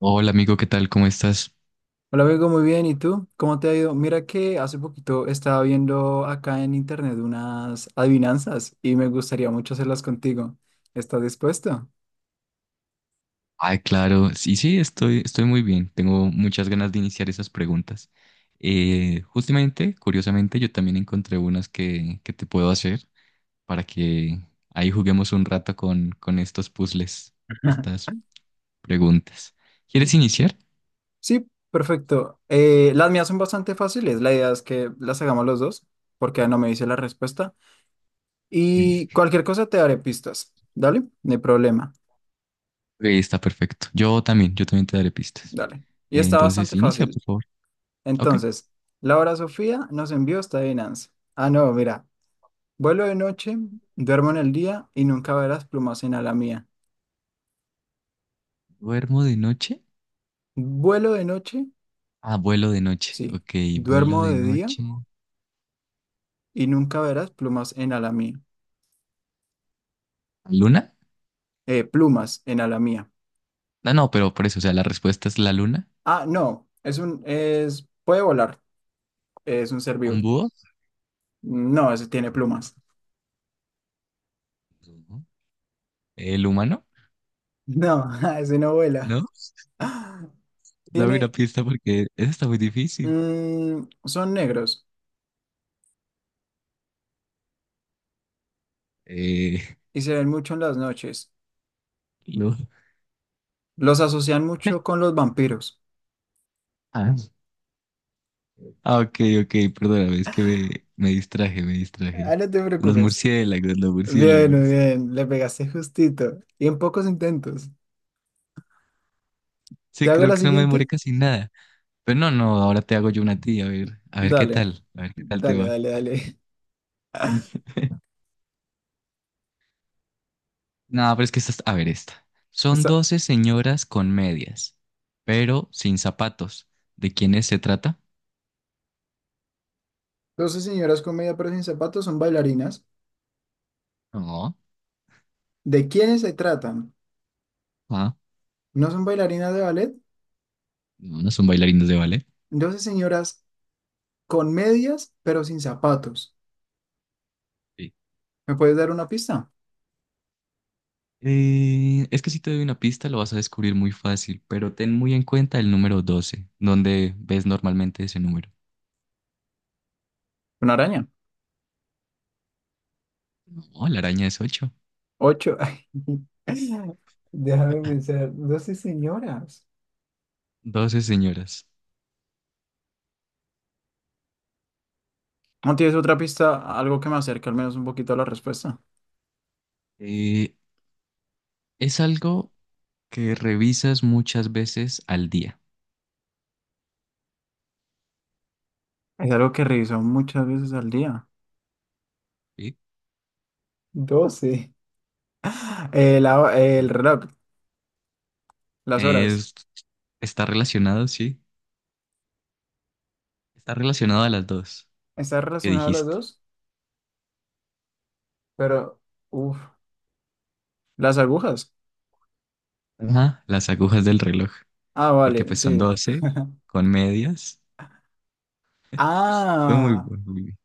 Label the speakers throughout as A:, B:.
A: Hola amigo, ¿qué tal? ¿Cómo estás?
B: Hola, Bego, muy bien. ¿Y tú? ¿Cómo te ha ido? Mira que hace poquito estaba viendo acá en internet unas adivinanzas y me gustaría mucho hacerlas contigo. ¿Estás dispuesto?
A: Claro, sí, sí, estoy muy bien. Tengo muchas ganas de iniciar esas preguntas. Justamente, curiosamente, yo también encontré unas que te puedo hacer para que ahí juguemos un rato con estos puzzles, estas preguntas. ¿Quieres iniciar?
B: Sí, perfecto. Las mías son bastante fáciles. La idea es que las hagamos los dos, porque no me dice la respuesta.
A: Sí.
B: Y cualquier cosa te daré pistas. Dale, no hay problema.
A: Ok, está perfecto. Yo también te daré pistas.
B: Dale. Y está
A: Entonces,
B: bastante
A: inicia, por
B: fácil.
A: favor. Ok.
B: Entonces, Laura Sofía nos envió esta adivinanza. Ah, no, mira. Vuelo de noche, duermo en el día y nunca verás plumas en ala mía.
A: ¿Duermo de noche?
B: Vuelo de noche,
A: Ah, vuelo de noche.
B: sí,
A: Ok, vuelo
B: duermo
A: de
B: de día
A: noche.
B: y nunca verás plumas en ala mía.
A: ¿Luna?
B: Plumas en ala mía.
A: No, no, pero por eso, o sea, la respuesta es la luna,
B: Ah, no, puede volar, es un ser vivo.
A: un búho.
B: No, ese tiene plumas.
A: Ujú. El humano,
B: No, ese no vuela.
A: ¿no? Dame una
B: Tiene,
A: pista porque eso está muy difícil.
B: son negros
A: Eh,
B: y se ven mucho en las noches.
A: lo-
B: Los asocian mucho con los vampiros.
A: Ah. Ah, ok, ok, perdóname, es que me distraje, me
B: Ah,
A: distraje.
B: no te
A: Los
B: preocupes.
A: murciélagos, los
B: Bien, muy
A: murciélagos.
B: bien, le pegaste justito y en pocos intentos. ¿Te
A: Sí,
B: hago
A: creo
B: la
A: que no me demoré
B: siguiente?
A: casi nada. Pero no, no, ahora te hago yo una tía, a ver qué
B: Dale,
A: tal, a ver qué tal te
B: dale,
A: va.
B: dale, dale.
A: Ay. No, pero es que esta, a ver esta. Son
B: Está.
A: 12 señoras con medias, pero sin zapatos. ¿De quiénes se trata?
B: 12 señoras con media pero sin zapatos son bailarinas.
A: No,
B: ¿De quiénes se tratan?
A: ah,
B: ¿No son bailarinas de ballet?
A: no, no son bailarines de ballet.
B: 12 señoras con medias pero sin zapatos.
A: Sí.
B: ¿Me puedes dar una pista?
A: Es que si te doy una pista lo vas a descubrir muy fácil, pero ten muy en cuenta el número doce donde ves normalmente ese número.
B: Una araña.
A: No, la araña es ocho,
B: Ocho. Ay, déjame pensar. 12 señoras.
A: doce señoras.
B: ¿No tienes otra pista? Algo que me acerque al menos un poquito a la respuesta.
A: Eh, es algo que revisas muchas veces al día.
B: Es algo que reviso muchas veces al día.
A: ¿Sí?
B: Doce. El reloj, las horas.
A: Es, está relacionado, sí. Está relacionado a las dos
B: Está
A: que
B: relacionado a los
A: dijiste.
B: dos, pero, uff, las agujas.
A: Ajá, las agujas del reloj,
B: Ah,
A: porque
B: vale,
A: pues son
B: sí.
A: 12 con medias. Fue muy
B: Ah,
A: bueno, Vivi.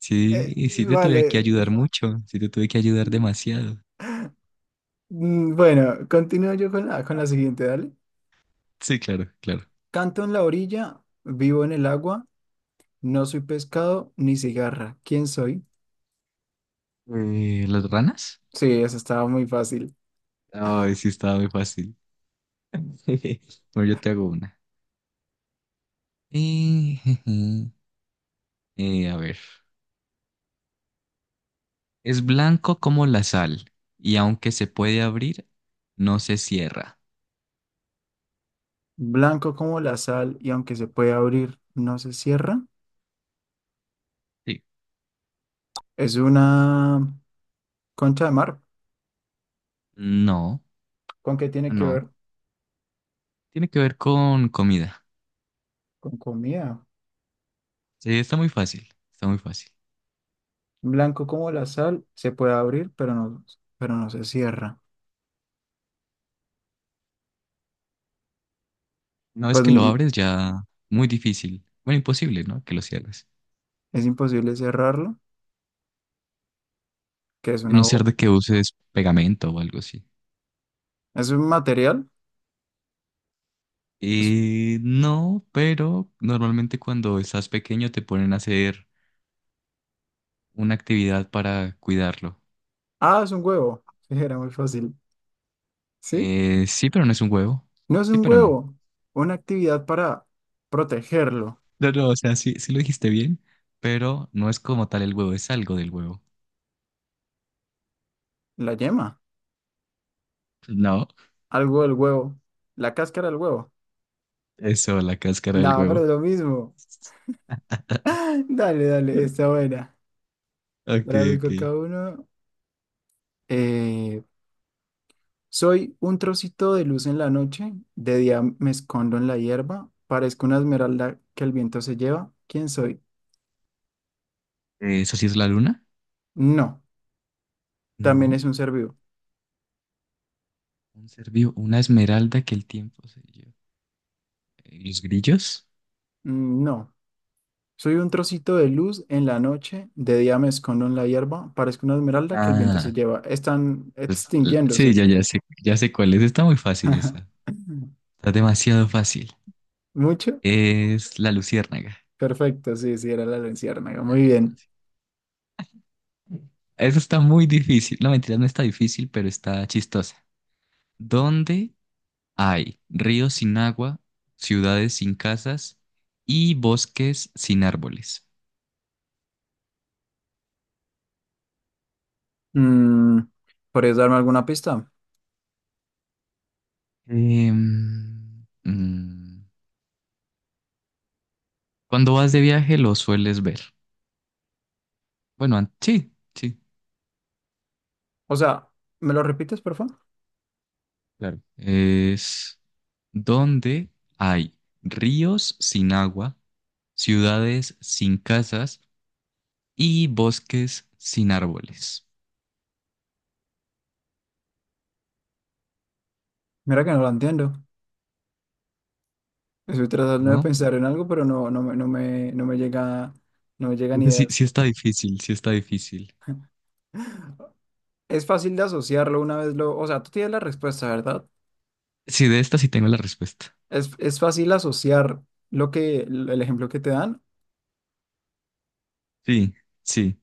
A: Sí,
B: eh,
A: y sí te tuve que
B: vale.
A: ayudar mucho, sí te tuve que ayudar demasiado.
B: Bueno, continúo yo con la siguiente, dale.
A: Sí, claro, claro.
B: Canto en la orilla, vivo en el agua, no soy pescado ni cigarra. ¿Quién soy?
A: ¿Las ranas?
B: Sí, eso estaba muy fácil.
A: Ay, sí, estaba muy fácil. Bueno, yo te hago una. Jeje. A ver. Es blanco como la sal y aunque se puede abrir, no se cierra.
B: Blanco como la sal y aunque se puede abrir, no se cierra.
A: Sí.
B: Es una concha de mar.
A: No,
B: ¿Con qué
A: no,
B: tiene que
A: no.
B: ver?
A: Tiene que ver con comida.
B: Con comida.
A: Sí, está muy fácil, está muy fácil.
B: Blanco como la sal, se puede abrir, pero no se cierra.
A: Una vez
B: Pues,
A: que lo abres ya muy difícil, bueno, imposible, ¿no? Que lo cierres.
B: es imposible cerrarlo, que es
A: A no
B: una
A: ser
B: bo-
A: de que uses pegamento o algo así.
B: es un material. Es-
A: No, pero normalmente cuando estás pequeño te ponen a hacer una actividad para cuidarlo.
B: ah, es un huevo. Sí, era muy fácil. ¿Sí?
A: Sí, pero no es un huevo.
B: No es
A: Sí,
B: un
A: pero no.
B: huevo. Una actividad para protegerlo.
A: No, no, o sea, sí, sí lo dijiste bien, pero no es como tal el huevo, es algo del huevo.
B: La yema.
A: No,
B: Algo del huevo. La cáscara del huevo.
A: eso, la cáscara del
B: No, pero
A: huevo.
B: es lo mismo. Dale, dale, está buena.
A: Ok,
B: Ahora
A: ok.
B: busco cada uno. eh, Soy un trocito de luz en la noche, de día me escondo en la hierba, parezco una esmeralda que el viento se lleva. ¿Quién soy?
A: ¿Eso sí es la luna?
B: No, también
A: No,
B: es un ser vivo.
A: un ser vivo, una esmeralda que el tiempo se lleva. ¿Los grillos?
B: No, soy un trocito de luz en la noche, de día me escondo en la hierba, parezco una esmeralda que el viento se
A: Ah.
B: lleva. Están
A: Sí,
B: extinguiéndose.
A: ya sé cuál es. Está muy fácil esa. Está demasiado fácil.
B: ¿Mucho?
A: Es la luciérnaga.
B: Perfecto, sí, sí, era la luciérnaga. Muy
A: Ah,
B: bien.
A: eso está muy difícil. No, mentira, no está difícil, pero está chistosa. ¿Dónde hay ríos sin agua, ciudades sin casas y bosques sin árboles?
B: Mm, ¿Podrías darme alguna pista?
A: Em, mm, cuando vas de viaje lo sueles ver. Sí, sí,
B: O sea, ¿me lo repites, por favor?
A: claro. Es donde hay ríos sin agua, ciudades sin casas y bosques sin árboles,
B: Mira que no lo entiendo. Estoy tratando de
A: ¿no?
B: pensar en algo, pero no me llega, no me llegan
A: Entonces, sí, sí
B: ideas.
A: está difícil, sí está difícil.
B: Es fácil de asociarlo una vez lo, o sea, tú tienes la respuesta, ¿verdad?
A: Sí, de esta sí tengo la respuesta.
B: Es fácil asociar lo que, el ejemplo que te dan.
A: Sí, sí.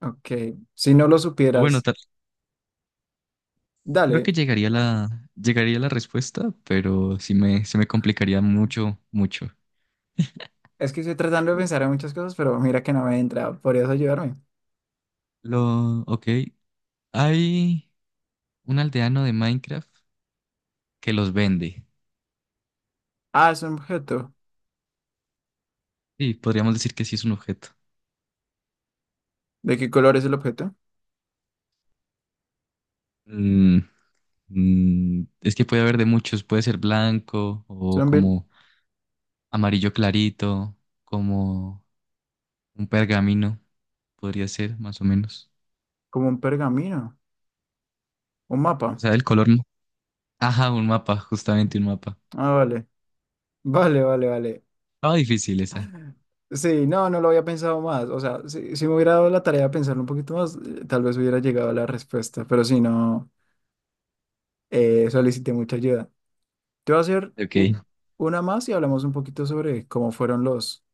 B: Ok, si no lo
A: O bueno,
B: supieras,
A: tal, creo que
B: dale.
A: llegaría llegaría la respuesta, pero sí me, se me complicaría mucho, mucho.
B: Es que estoy tratando de pensar en muchas cosas, pero mira que no me entra. ¿Podrías ayudarme?
A: Ok, hay un aldeano de Minecraft que los vende.
B: Ah, es un objeto.
A: Sí, podríamos decir que sí es un objeto.
B: ¿De qué color es el objeto?
A: Mm, es que puede haber de muchos, puede ser blanco o
B: Son bien-
A: como amarillo clarito, como un pergamino, podría ser más o menos.
B: como un pergamino, un
A: O
B: mapa.
A: sea, el color. Ajá, un mapa, justamente un mapa.
B: Ah, vale. Vale, vale, vale.
A: Estaba difícil esa.
B: Sí, no, no lo había pensado más. O sea, si me hubiera dado la tarea de pensarlo un poquito más, tal vez hubiera llegado a la respuesta. Pero si no, solicité mucha ayuda. Te voy a hacer
A: Ok.
B: una más y hablamos un poquito sobre cómo fueron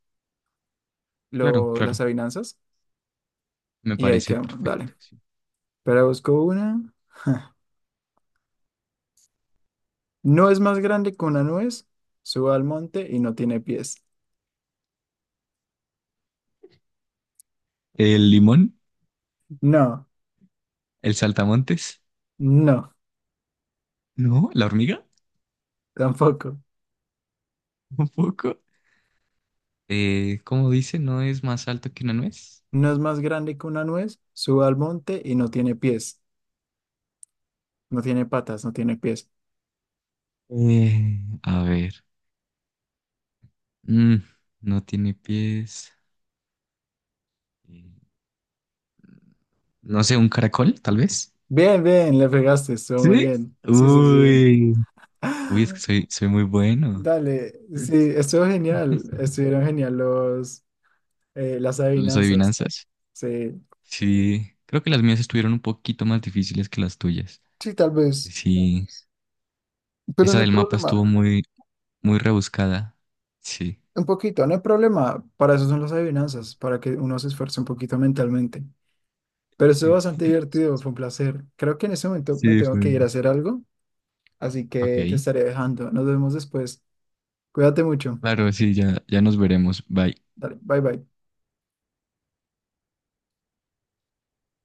A: Claro,
B: las
A: claro,
B: avinanzas.
A: me
B: Y ahí
A: parece
B: quedamos.
A: perfecto.
B: Dale.
A: Sí.
B: Pero busco una. No es más grande que una nuez. Sube al monte y no tiene pies.
A: ¿El limón?
B: No,
A: ¿El saltamontes?
B: no,
A: ¿No? ¿La hormiga?
B: tampoco.
A: Un poco. ¿Cómo dice? ¿No es más alto que una nuez?
B: No es más grande que una nuez. Sube al monte y no tiene pies. No tiene patas, no tiene pies.
A: A ver. Mm, no tiene pies. Eh, No sé, un caracol, tal vez.
B: Bien, bien, le pegaste, estuvo muy
A: ¿Sí?
B: bien. Sí, sí, sí.
A: Uy. Uy, es que soy, soy muy bueno.
B: Dale, sí, estuvo genial. Estuvieron genial las
A: Las
B: adivinanzas.
A: adivinanzas.
B: Sí.
A: Sí, creo que las mías estuvieron un poquito más difíciles que las tuyas.
B: Sí, tal vez,
A: Sí,
B: pero
A: esa
B: no hay
A: del mapa estuvo
B: problema.
A: muy, muy rebuscada. Sí,
B: Un poquito, no hay problema. Para eso son las adivinanzas, para que uno se esfuerce un poquito mentalmente. Pero estuvo bastante divertido, fue un placer. Creo que en este momento me
A: sí,
B: tengo que
A: fue.
B: ir a hacer algo, así
A: Ok,
B: que te estaré dejando. Nos vemos después. Cuídate mucho.
A: claro, sí, ya, ya nos veremos. Bye.
B: Dale, bye bye.